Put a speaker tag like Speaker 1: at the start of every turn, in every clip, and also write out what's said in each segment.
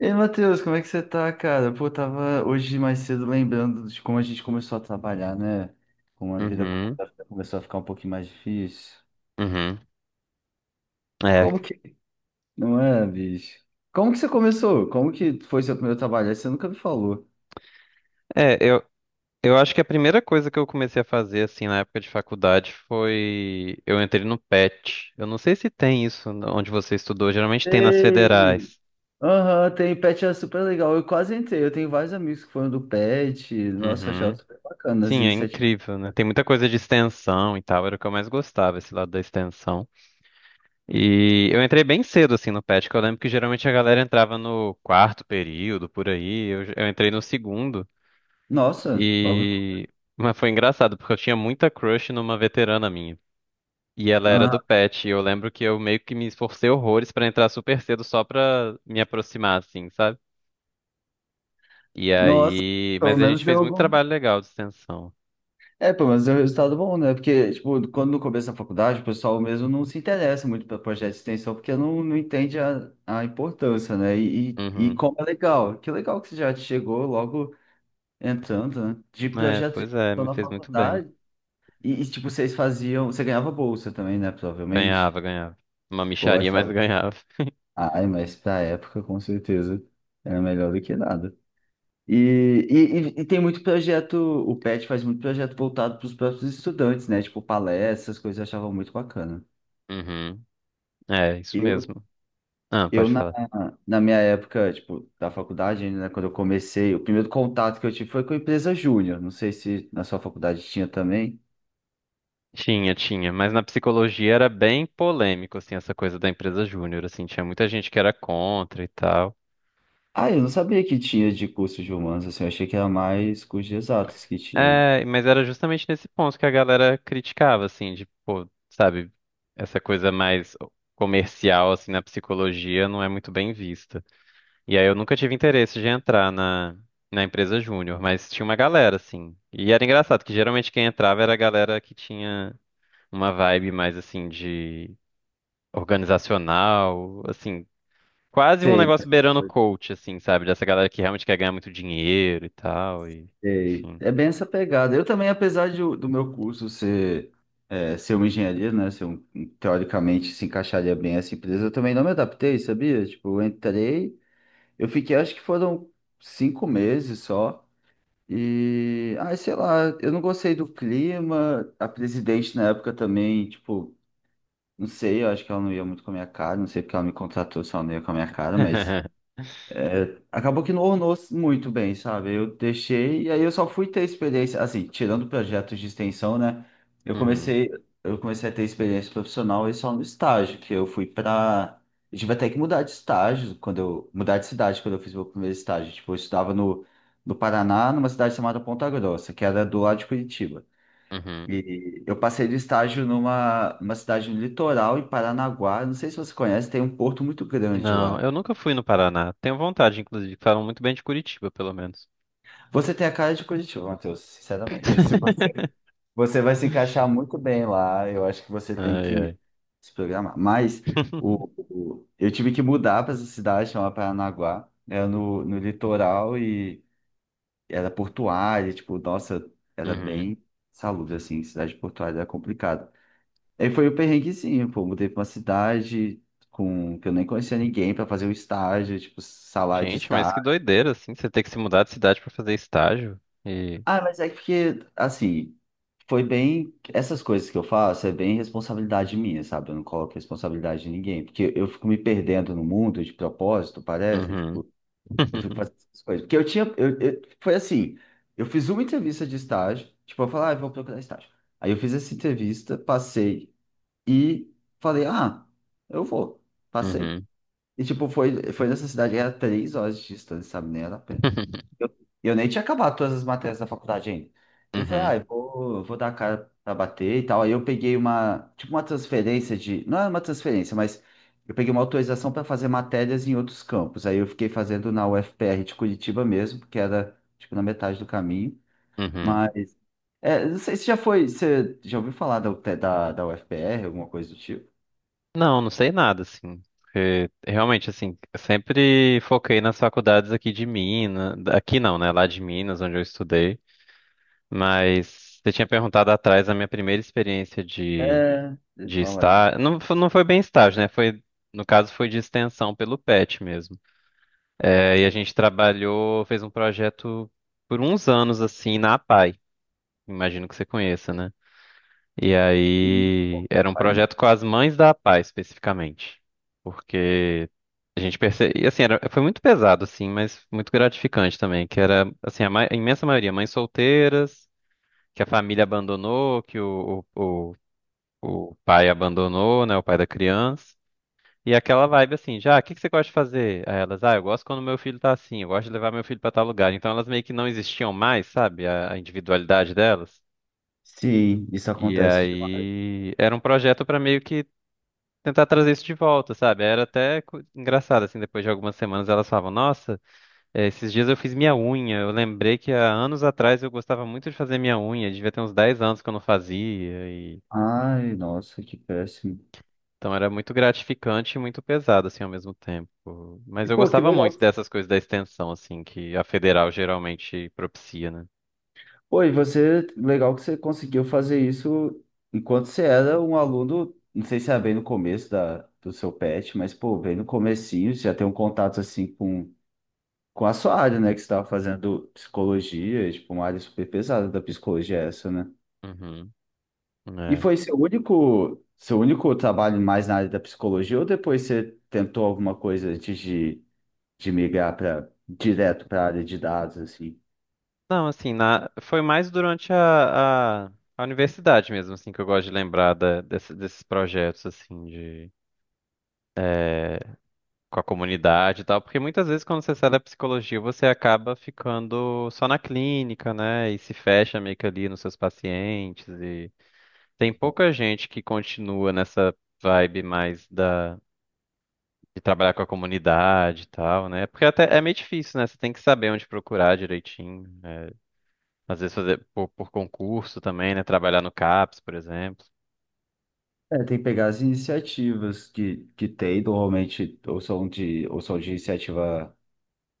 Speaker 1: Ei, Matheus, como é que você tá, cara? Pô, eu tava hoje mais cedo lembrando de como a gente começou a trabalhar, né? Como a vida
Speaker 2: Uhum,
Speaker 1: começou a ficar um pouquinho mais difícil.
Speaker 2: uhum. É,
Speaker 1: Como que... Não é, bicho? Como que você começou? Como que foi seu primeiro trabalho? Aí você nunca me falou.
Speaker 2: é, eu, eu acho que a primeira coisa que eu comecei a fazer, assim, na época de faculdade foi... Eu entrei no PET. Eu não sei se tem isso onde você estudou. Geralmente tem nas
Speaker 1: Ei!
Speaker 2: federais.
Speaker 1: Aham, tem Pet, é super legal. Eu quase entrei. Eu tenho vários amigos que foram do Pet. Nossa, eu achava
Speaker 2: Uhum.
Speaker 1: super bacana as
Speaker 2: Sim, é
Speaker 1: iniciativas.
Speaker 2: incrível, né? Tem muita coisa de extensão e tal. Era o que eu mais gostava, esse lado da extensão. E eu entrei bem cedo, assim, no PET, que eu lembro que geralmente a galera entrava no quarto período, por aí. Eu entrei no segundo.
Speaker 1: Nossa, logo.
Speaker 2: E... Mas foi engraçado, porque eu tinha muita crush numa veterana minha. E ela era
Speaker 1: Aham.
Speaker 2: do pet, e eu lembro que eu meio que me esforcei horrores pra entrar super cedo só pra me aproximar, assim, sabe? E
Speaker 1: Nossa,
Speaker 2: aí.
Speaker 1: pelo
Speaker 2: Mas a gente
Speaker 1: menos deu
Speaker 2: fez muito
Speaker 1: algum.
Speaker 2: trabalho legal de extensão.
Speaker 1: É, pelo menos é um resultado bom, né? Porque, tipo, quando no começo da faculdade, o pessoal mesmo não se interessa muito para projeto de extensão, porque não entende a importância, né? E
Speaker 2: Uhum.
Speaker 1: como é legal. Que legal que você já chegou logo entrando, né? De
Speaker 2: É,
Speaker 1: projeto de
Speaker 2: pois é,
Speaker 1: extensão
Speaker 2: me
Speaker 1: na
Speaker 2: fez muito bem.
Speaker 1: faculdade. Tipo, vocês faziam... Você ganhava bolsa também, né? Provavelmente.
Speaker 2: Ganhava, ganhava. Uma
Speaker 1: Ou
Speaker 2: mixaria, mas
Speaker 1: achava...
Speaker 2: ganhava.
Speaker 1: Ai, mas pra época, com certeza, era melhor do que nada. E, e tem muito projeto, o PET faz muito projeto voltado para os próprios estudantes, né? Tipo, palestras, coisas eu achava muito bacana.
Speaker 2: Uhum. É, isso
Speaker 1: Eu,
Speaker 2: mesmo. Ah,
Speaker 1: eu
Speaker 2: pode
Speaker 1: na,
Speaker 2: falar.
Speaker 1: Na minha época, tipo, da faculdade, né, quando eu comecei, o primeiro contato que eu tive foi com a empresa Júnior. Não sei se na sua faculdade tinha também.
Speaker 2: Tinha, tinha, mas na psicologia era bem polêmico, assim, essa coisa da empresa júnior, assim, tinha muita gente que era contra e tal.
Speaker 1: Ah, eu não sabia que tinha de curso de humanos, assim, eu achei que era mais cursos de exatos que tinha.
Speaker 2: É, mas era justamente nesse ponto que a galera criticava, assim, de, pô, sabe, essa coisa mais comercial, assim, na psicologia não é muito bem vista. E aí eu nunca tive interesse de entrar na empresa júnior, mas tinha uma galera, assim. E era engraçado que geralmente quem entrava era a galera que tinha uma vibe mais, assim, de organizacional, assim, quase um
Speaker 1: Sei,
Speaker 2: negócio beirando coach, assim, sabe, dessa galera que realmente quer ganhar muito dinheiro e tal, e,
Speaker 1: Sei.
Speaker 2: enfim.
Speaker 1: É bem essa pegada. Eu também, apesar de, do meu curso ser, é, ser uma engenharia, né? Ser um teoricamente se encaixaria bem essa empresa, eu também não me adaptei, sabia? Tipo, eu entrei, eu fiquei, acho que foram 5 meses só. E, ai, sei lá, eu não gostei do clima. A presidente na época também, tipo, não sei, eu acho que ela não ia muito com a minha cara, não sei porque ela me contratou, se ela não ia com a minha cara, mas. É, acabou que não ornou muito bem, sabe? Eu deixei e aí eu só fui ter experiência, assim, tirando projetos de extensão, né? Eu
Speaker 2: Uhum,
Speaker 1: comecei, eu comecei a ter experiência profissional e só no estágio, que eu fui pra. Eu tive até que mudar de estágio quando eu mudar de cidade quando eu fiz meu primeiro estágio. Tipo, eu estudava no Paraná, numa cidade chamada Ponta Grossa, que era do lado de Curitiba.
Speaker 2: uhum.
Speaker 1: E eu passei de estágio numa cidade no litoral, em Paranaguá. Não sei se você conhece, tem um porto muito grande
Speaker 2: Não,
Speaker 1: lá.
Speaker 2: eu nunca fui no Paraná. Tenho vontade, inclusive. Falam muito bem de Curitiba, pelo menos.
Speaker 1: Você tem a cara de Curitiba, Matheus, sinceramente. Se você... você vai se encaixar muito bem lá, eu acho que você tem
Speaker 2: Ai, ai.
Speaker 1: que se programar. Mas eu tive que mudar para essa cidade chamada Paranaguá, era no... no litoral e era portuária, tipo, nossa, era
Speaker 2: Uhum.
Speaker 1: bem salubre, assim, cidade portuária era complicada. Aí foi o perrenguezinho, pô, mudei para uma cidade com... que eu nem conhecia ninguém para fazer um estágio, tipo, salário de
Speaker 2: Gente, mas que
Speaker 1: estágio.
Speaker 2: doideira, assim, você ter que se mudar de cidade pra fazer estágio. E.
Speaker 1: Ah, mas é que, assim, foi bem. Essas coisas que eu faço é bem responsabilidade minha, sabe? Eu não coloco responsabilidade de ninguém. Porque eu fico me perdendo no mundo de propósito, parece.
Speaker 2: Uhum.
Speaker 1: Tipo, eu fico fazendo essas coisas. Porque eu tinha. Foi assim: eu fiz uma entrevista de estágio. Tipo, eu falei, ah, eu vou procurar estágio. Aí eu fiz essa entrevista, passei e falei, ah, eu vou. Passei.
Speaker 2: Uhum.
Speaker 1: E, tipo, foi nessa cidade, era 3 horas de distância, sabe? Nem era perto. Eu, eu nem tinha acabado todas as matérias da faculdade ainda. Ele falou,
Speaker 2: Uhum.
Speaker 1: ah, eu vou dar a cara pra bater e tal. Aí eu peguei uma, tipo, uma transferência de. Não era uma transferência, mas eu peguei uma autorização para fazer matérias em outros campos. Aí eu fiquei fazendo na UFPR de Curitiba mesmo, porque era, tipo, na metade do caminho.
Speaker 2: Uhum.
Speaker 1: Mas, é, não sei se já foi. Você já ouviu falar UT da UFPR, alguma coisa do tipo?
Speaker 2: Não, não sei nada, assim. Porque, realmente, assim, eu sempre foquei nas faculdades aqui de Minas. Aqui não, né? Lá de Minas, onde eu estudei. Mas você tinha perguntado atrás a minha primeira experiência de.
Speaker 1: É, deixa eu
Speaker 2: De
Speaker 1: falar de.
Speaker 2: estar. Não, não foi bem estágio, né? Foi, no caso, foi de extensão pelo PET mesmo. É, e a gente trabalhou, fez um projeto por uns anos, assim, na APAE. Imagino que você conheça, né? E aí, era um projeto com as mães da APAE, especificamente. Porque a gente percebe. E assim, era, foi muito pesado, assim, mas muito gratificante também. Que era, assim, a imensa maioria, mães solteiras, que a família abandonou, que o pai abandonou, né? O pai da criança. E aquela vibe assim, já, o que que você gosta de fazer? Aí elas, ah, eu gosto quando meu filho tá assim, eu gosto de levar meu filho pra tal lugar. Então elas meio que não existiam mais, sabe? A individualidade delas.
Speaker 1: Sim, isso
Speaker 2: E
Speaker 1: acontece demais.
Speaker 2: aí era um projeto pra meio que tentar trazer isso de volta, sabe? Era até engraçado, assim, depois de algumas semanas elas falavam, nossa, esses dias eu fiz minha unha. Eu lembrei que há anos atrás eu gostava muito de fazer minha unha, devia ter uns 10 anos que eu não fazia.
Speaker 1: Ai, nossa, que péssimo.
Speaker 2: Então era muito gratificante e muito pesado, assim, ao mesmo tempo.
Speaker 1: E,
Speaker 2: Mas eu
Speaker 1: pô, que
Speaker 2: gostava
Speaker 1: legal.
Speaker 2: muito dessas coisas da extensão, assim, que a federal geralmente propicia, né?
Speaker 1: Oi, você, legal que você conseguiu fazer isso enquanto você era um aluno, não sei se era bem no começo do seu PET, mas, pô, bem no comecinho, você já tem um contato, assim, com a sua área, né, que você estava fazendo psicologia, e, tipo, uma área super pesada da psicologia essa, né?
Speaker 2: Uhum.
Speaker 1: E
Speaker 2: É.
Speaker 1: foi seu único trabalho mais na área da psicologia, ou depois você tentou alguma coisa antes de migrar para direto para a área de dados, assim.
Speaker 2: Não, assim, na... foi mais durante a universidade mesmo, assim, que eu gosto de lembrar desses projetos, assim, de... é, com a comunidade e tal, porque muitas vezes quando você sai da psicologia, você acaba ficando só na clínica, né? E se fecha meio que ali nos seus pacientes. Tem pouca gente que continua nessa vibe mais da de trabalhar com a comunidade e tal, né? Porque até é meio difícil, né? Você tem que saber onde procurar direitinho. É, às vezes fazer por concurso também, né? Trabalhar no CAPS, por exemplo.
Speaker 1: É, tem que pegar as iniciativas que tem, normalmente ou são de iniciativa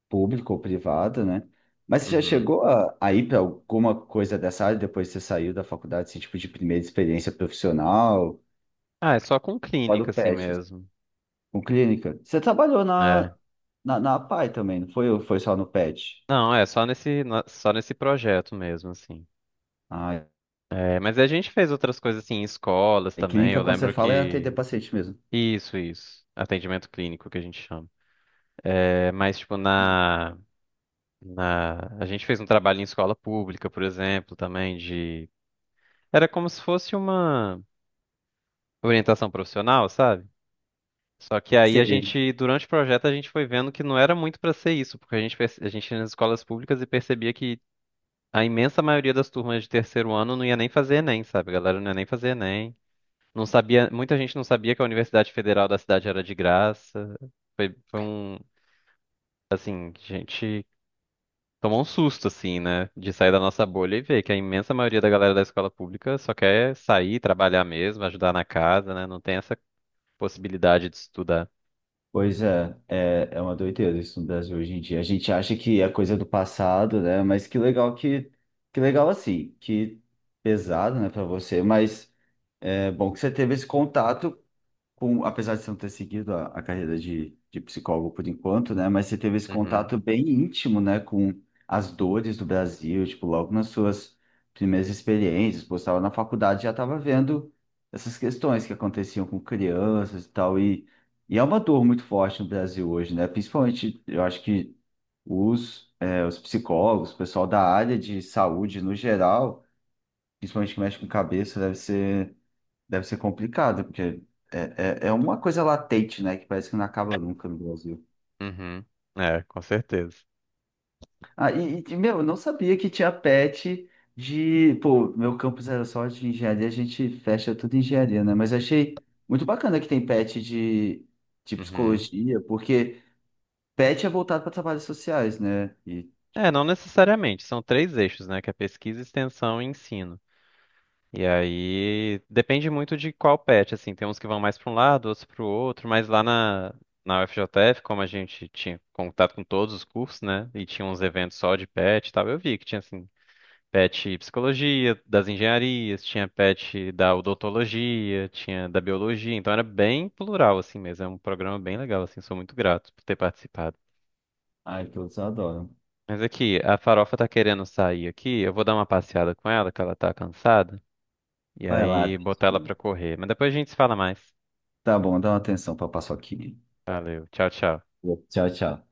Speaker 1: pública ou privada, né? Mas você já
Speaker 2: Uhum.
Speaker 1: chegou a ir para alguma coisa dessa área depois que você saiu da faculdade, assim, tipo de primeira experiência profissional,
Speaker 2: Ah, é só com
Speaker 1: fora
Speaker 2: clínica
Speaker 1: o
Speaker 2: assim
Speaker 1: PET, assim,
Speaker 2: mesmo.
Speaker 1: com clínica? Você trabalhou
Speaker 2: É.
Speaker 1: na APAE também, não foi, foi só no PET?
Speaker 2: Não, é só nesse só nesse projeto mesmo assim.
Speaker 1: Ah,
Speaker 2: É, mas a gente fez outras coisas assim em escolas
Speaker 1: e
Speaker 2: também.
Speaker 1: clínica,
Speaker 2: Eu
Speaker 1: quando você
Speaker 2: lembro
Speaker 1: fala, é atender
Speaker 2: que
Speaker 1: paciente mesmo.
Speaker 2: isso, isso. Atendimento clínico que a gente chama. É, mas tipo na. Na... A gente fez um trabalho em escola pública, por exemplo, também de. Era como se fosse uma orientação profissional, sabe? Só que aí a
Speaker 1: Você
Speaker 2: gente, durante o projeto, a gente foi vendo que não era muito para ser isso, porque a gente, a gente ia nas escolas públicas e percebia que a imensa maioria das turmas de terceiro ano não ia nem fazer Enem, sabe? A galera não ia nem fazer Enem. Não sabia, muita gente não sabia que a Universidade Federal da cidade era de graça. Foi, foi um, assim, gente. Tomou um susto, assim, né? De sair da nossa bolha e ver que a imensa maioria da galera da escola pública só quer sair, trabalhar mesmo, ajudar na casa, né? Não tem essa possibilidade de estudar.
Speaker 1: Pois é, é, é uma doideira isso no Brasil hoje em dia. A gente acha que é coisa do passado, né? Mas que legal assim, que pesado, né, para você, mas é bom que você teve esse contato com, apesar de você não ter seguido a carreira de psicólogo por enquanto, né? Mas você teve esse
Speaker 2: Uhum,
Speaker 1: contato bem íntimo, né, com as dores do Brasil, tipo, logo nas suas primeiras experiências, pô, você estava na faculdade, já estava vendo essas questões que aconteciam com crianças e tal, e é uma dor muito forte no Brasil hoje, né? Principalmente, eu acho que os, é, os psicólogos, o pessoal da área de saúde no geral, principalmente que mexe com cabeça, deve ser Deve ser complicado, porque é, é, é uma coisa latente, né? Que parece que não acaba nunca no Brasil.
Speaker 2: uhum. É, com certeza.
Speaker 1: Ah, e, meu, eu não sabia que tinha PET de. Pô, meu campus era só de engenharia, a gente fecha tudo em engenharia, né? Mas eu achei muito bacana que tem PET de
Speaker 2: Uhum.
Speaker 1: psicologia, porque PET é voltado para trabalhos sociais, né? E,
Speaker 2: É,
Speaker 1: tipo,
Speaker 2: não necessariamente. São três eixos, né? Que é pesquisa, extensão e ensino. E aí depende muito de qual pet, assim. Tem uns que vão mais para um lado, outros para o outro, mas lá na UFJF, como a gente tinha contato com todos os cursos, né? E tinha uns eventos só de pet e tal, eu vi que tinha assim pet psicologia, das engenharias, tinha pet da odontologia, tinha da biologia, então era bem plural assim mesmo, é um programa bem legal assim, sou muito grato por ter participado.
Speaker 1: ai, todos adoram.
Speaker 2: Mas aqui, a Farofa tá querendo sair aqui, eu vou dar uma passeada com ela, que ela tá cansada, e
Speaker 1: Vai lá.
Speaker 2: aí botar ela pra correr. Mas depois a gente se fala mais.
Speaker 1: Tá bom, dá uma atenção pra paçoquinha.
Speaker 2: Valeu, tchau, tchau.
Speaker 1: Tchau, tchau.